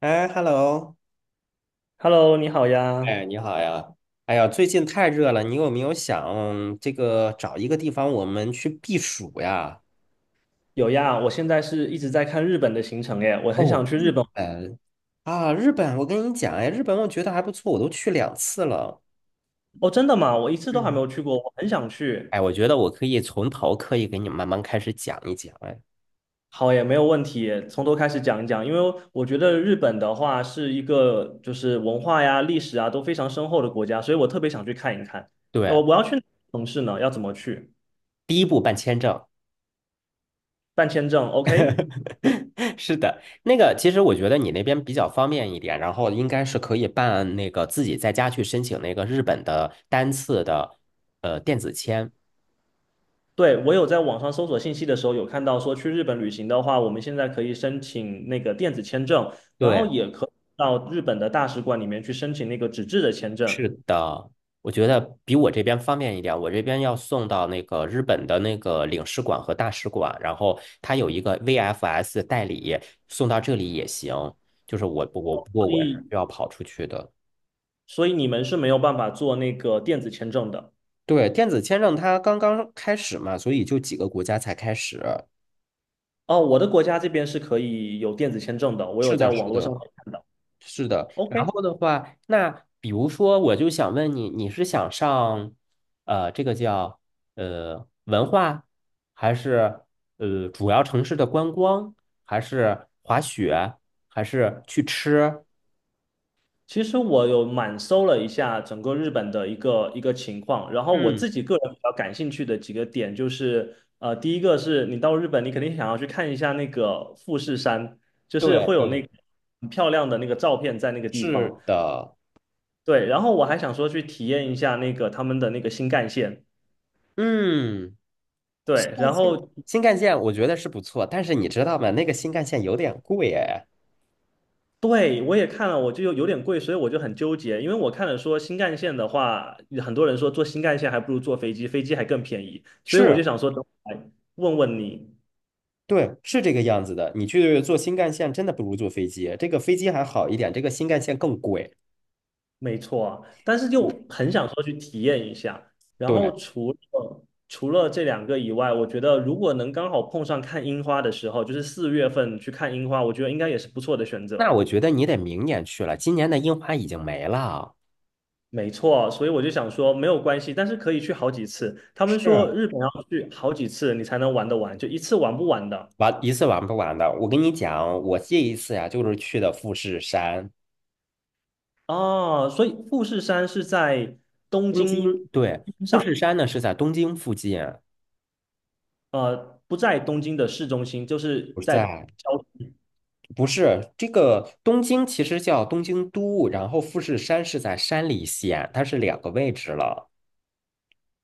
哎，hello，Hello，你好呀，哎，你好呀！哎呀，最近太热了，你有没有想这个找一个地方我们去避暑呀？有呀，我现在是一直在看日本的行程耶，我很想哦，去日日本。本啊，日本，我跟你讲，哎，日本我觉得还不错，我都去2次了。哦，真的吗？我一次都还没嗯，有去过，我很想去。哎，我觉得我可以从头可以给你慢慢开始讲一讲。哎，好耶，没有问题耶从头开始讲一讲，因为我觉得日本的话是一个就是文化呀、历史啊都非常深厚的国家，所以我特别想去看一看。要对，我要去哪个城市呢？要怎么去？第一步办签证，办签证，OK?是的，那个其实我觉得你那边比较方便一点，然后应该是可以办那个自己在家去申请那个日本的单次的电子签。对，我有在网上搜索信息的时候，有看到说去日本旅行的话，我们现在可以申请那个电子签证，然后对，也可以到日本的大使馆里面去申请那个纸质的签证。是的，我觉得比我这边方便一点。我这边要送到那个日本的那个领事馆和大使馆，然后他有一个 VFS 代理，送到这里也行。就是我所不过我是以，要跑出去的。所以你们是没有办法做那个电子签证的。对，电子签证它刚刚开始嘛，所以就几个国家才开始。哦，我的国家这边是可以有电子签证的，我有是的，在网是络上的，看到。是的。OK。然后的话，那比如说，我就想问你，你是想上这个叫文化，还是主要城市的观光，还是滑雪，还是去吃？其实我有满搜了一下整个日本的一个一个情况，然后我嗯，自己个人比较感兴趣的几个点就是，第一个是你到日本，你肯定想要去看一下那个富士山，就是对会有那对，个很漂亮的那个照片在那个地是方。的。对，然后我还想说去体验一下那个他们的那个新干线。嗯，新对，干然线，后新干线我觉得是不错，但是你知道吗？那个新干线有点贵哎。对，我也看了，我就有点贵，所以我就很纠结，因为我看了说新干线的话，很多人说坐新干线还不如坐飞机，飞机还更便宜，所以我是。就想说，等我来问问你，对，是这个样子的。你去坐新干线，真的不如坐飞机。这个飞机还好一点，这个新干线更贵。没错啊但是就我很想说去体验一下。然对，后除了这两个以外，我觉得如果能刚好碰上看樱花的时候，就是4月份去看樱花，我觉得应该也是不错的选那择。我觉得你得明年去了，今年的樱花已经没了。没错，所以我就想说没有关系，但是可以去好几次。他们说是日本要去好几次你才能玩得完，就一次玩不完的。玩一次玩不完的。我跟你讲，我这一次呀、就是去的富士山，哦，所以富士山是在东东京，京。对，富士山呢是在东京附近，呃，不在东京的市中心，就是不是在在，郊。不是这个东京其实叫东京都，然后富士山是在山梨县，它是两个位置了。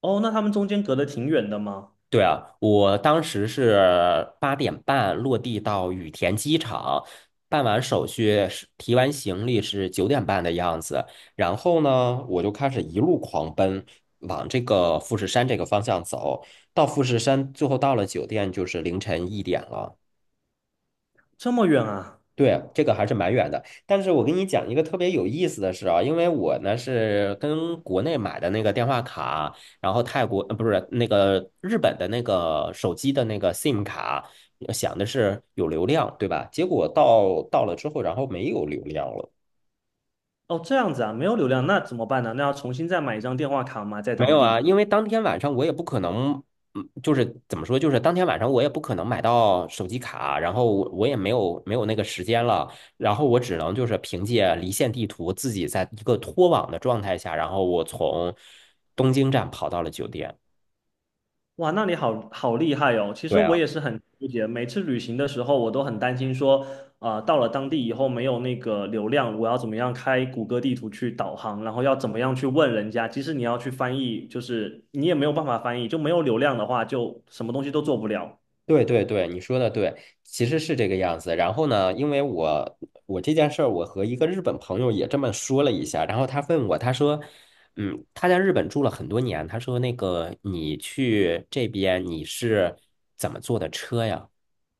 哦，那他们中间隔得挺远的吗？对啊，我当时是8点半落地到羽田机场，办完手续是提完行李是9点半的样子，然后呢，我就开始一路狂奔往这个富士山这个方向走，到富士山最后到了酒店就是凌晨1点了。这么远啊？对，这个还是蛮远的，但是我跟你讲一个特别有意思的事啊，因为我呢是跟国内买的那个电话卡，然后泰国，不是那个日本的那个手机的那个 SIM 卡，想的是有流量，对吧？结果到了之后，然后没有流量了。哦，这样子啊，没有流量，那怎么办呢？那要重新再买一张电话卡吗？在没当有啊，地？因为当天晚上我也不可能，就是怎么说，就是当天晚上我也不可能买到手机卡，然后我也没有那个时间了，然后我只能就是凭借离线地图自己在一个脱网的状态下，然后我从东京站跑到了酒店。哇，那你好好厉害哦！其实对我啊。也是很纠结，每次旅行的时候，我都很担心说，啊、到了当地以后没有那个流量，我要怎么样开谷歌地图去导航，然后要怎么样去问人家。即使你要去翻译，就是你也没有办法翻译，就没有流量的话，就什么东西都做不了。对对对，你说的对，其实是这个样子。然后呢，因为我这件事儿，我和一个日本朋友也这么说了一下，然后他问我，他说，他在日本住了很多年，他说那个你去这边你是怎么坐的车呀？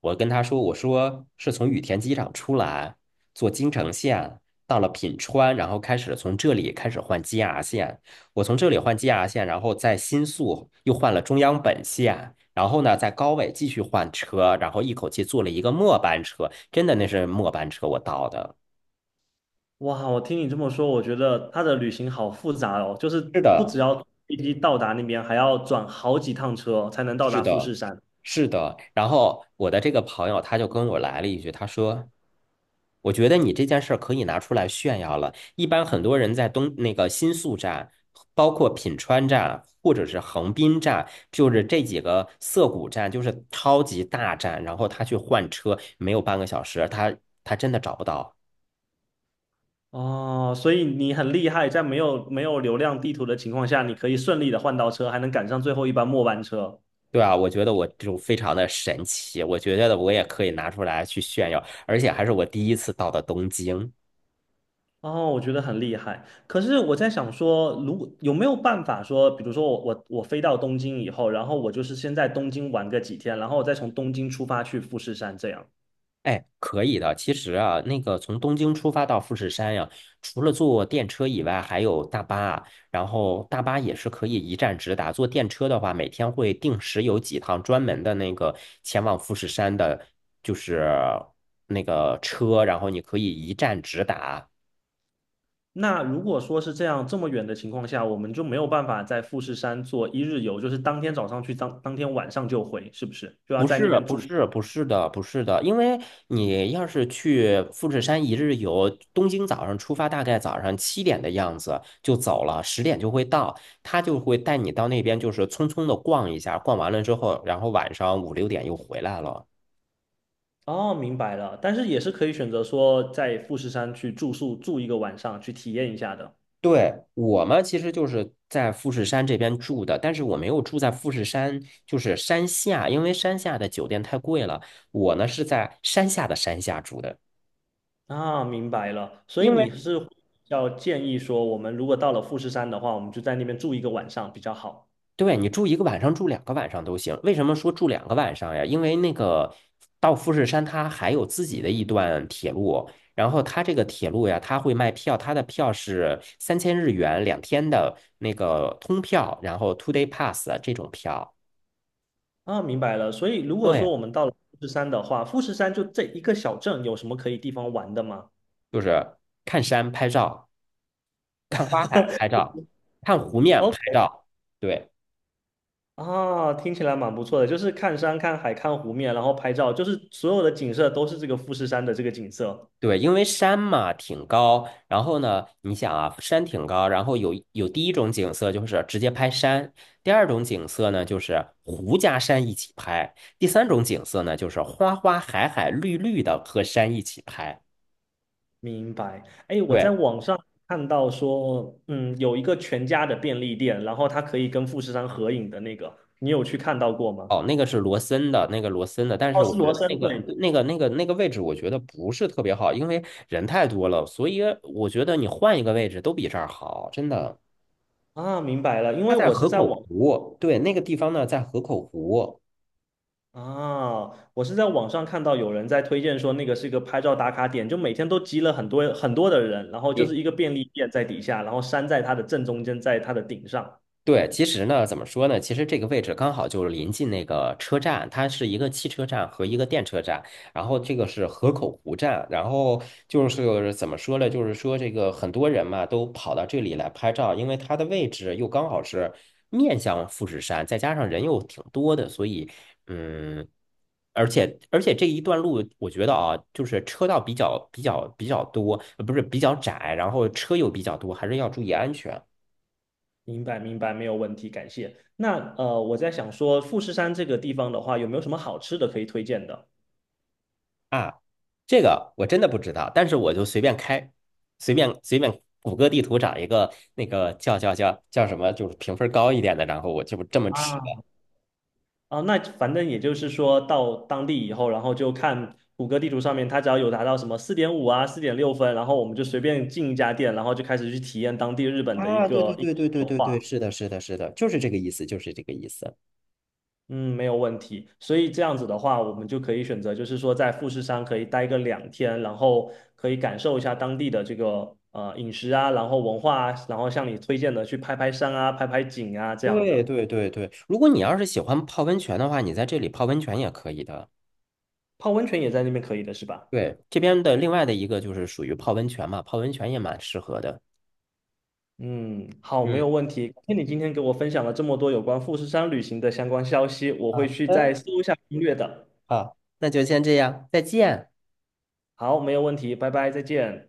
我跟他说，我说是从羽田机场出来，坐京成线到了品川，然后开始从这里开始换 JR 线。我从这里换 JR 线，然后在新宿又换了中央本线，然后呢在高尾继续换车，然后一口气坐了一个末班车，真的那是末班车我到的。哇，我听你这么说，我觉得他的旅行好复杂哦，就是是不只的，要飞机到达那边，还要转好几趟车才能到达富呃，士山。是的。然后我的这个朋友他就跟我来了一句，他说。我觉得你这件事儿可以拿出来炫耀了。一般很多人在那个新宿站，包括品川站或者是横滨站，就是这几个涩谷站，就是超级大站，然后他去换车没有半个小时，他真的找不到。哦，所以你很厉害，在没有流量地图的情况下，你可以顺利的换到车，还能赶上最后一班末班车。对啊，我觉得我就非常的神奇，我觉得我也可以拿出来去炫耀，而且还是我第一次到的东京。哦，我觉得很厉害。可是我在想说，如果有没有办法说，比如说我飞到东京以后，然后我就是先在东京玩个几天，然后我再从东京出发去富士山这样。哎，可以的。其实啊，那个从东京出发到富士山呀、除了坐电车以外，还有大巴啊。然后大巴也是可以一站直达。坐电车的话，每天会定时有几趟专门的那个前往富士山的，就是那个车，然后你可以一站直达。那如果说是这样这么远的情况下，我们就没有办法在富士山做一日游，就是当天早上去，当天晚上就回，是不是？就要不在是那边不住。是不是的，不是的，因为你要是去富士山一日游，东京早上出发，大概早上7点的样子就走了，10点就会到，他就会带你到那边，就是匆匆的逛一下，逛完了之后，然后晚上5、6点又回来了。哦，明白了，但是也是可以选择说在富士山去住宿住一个晚上，去体验一下的。对，我们其实就是在富士山这边住的，但是我没有住在富士山，就是山下，因为山下的酒店太贵了，我呢是在山下的山下住的。啊，明白了，所以因为。你是要建议说，我们如果到了富士山的话，我们就在那边住一个晚上比较好。对，你住一个晚上，住两个晚上都行。为什么说住两个晚上呀？因为那个到富士山，它还有自己的一段铁路，然后它这个铁路呀，它会卖票，它的票是3000日元2天的那个通票，然后 two day pass 这种票。啊，明白了，所以如果说对，我们到了富士山的话，富士山就这一个小镇，有什么可以地方玩的吗 就是看山拍照，看花海拍 照，看湖面拍？OK,照。对。啊，听起来蛮不错的，就是看山、看海、看湖面，然后拍照，就是所有的景色都是这个富士山的这个景色。对，因为山嘛挺高，然后呢，你想啊，山挺高，然后有第一种景色就是直接拍山，第二种景色呢就是湖加山一起拍，第三种景色呢就是花花海海绿绿的和山一起拍。明白。哎，我在对，网上看到说，嗯，有一个全家的便利店，然后它可以跟富士山合影的那个，你有去看到过吗？哦，那个是罗森的，那个罗森的，但是哦，我是觉罗得森，那个对。那个那个那个位置我觉得不是特别好，因为人太多了，所以我觉得你换一个位置都比这儿好，真的。啊，明白了，因它为在我是河在口网湖，对，那个地方呢在河口湖。啊，我是在网上看到有人在推荐说那个是一个拍照打卡点，就每天都集了很多很多的人，然后就是你一个便利店在底下，然后山在它的正中间，在它的顶上。对，其实呢，怎么说呢？其实这个位置刚好就是临近那个车站，它是一个汽车站和一个电车站，然后这个是河口湖站，然后就是怎么说呢？就是说这个很多人嘛都跑到这里来拍照，因为它的位置又刚好是面向富士山，再加上人又挺多的，所以嗯，而且这一段路，我觉得啊，就是车道比较多，不是比较窄，然后车又比较多，还是要注意安全。明白，明白，没有问题，感谢。那我在想说，富士山这个地方的话，有没有什么好吃的可以推荐的？啊，这个我真的不知道，但是我就随便开，随便谷歌地图找一个那个叫什么，就是评分高一点的，然后我就这么吃的。啊，啊,那反正也就是说到当地以后，然后就看谷歌地图上面，它只要有达到什么4.5啊、4.6分，然后我们就随便进一家店，然后就开始去体验当地日本的一啊，对对个饮对对食对文对化。对，是的，是的，是的，就是这个意思，就是这个意思。嗯，没有问题。所以这样子的话，我们就可以选择，就是说在富士山可以待个2天，然后可以感受一下当地的这个饮食啊，然后文化啊，然后像你推荐的去拍拍山啊、拍拍景啊这样对的。对对对，如果你要是喜欢泡温泉的话，你在这里泡温泉也可以的。泡温泉也在那边可以的是吧？对，这边的另外的一个就是属于泡温泉嘛，泡温泉也蛮适合的。嗯，好，没嗯，有问题。感谢你今天给我分享了这么多有关富士山旅行的相关消息，我会好去的，再搜一下攻略的。好，那就先这样，再见。好，没有问题，拜拜，再见。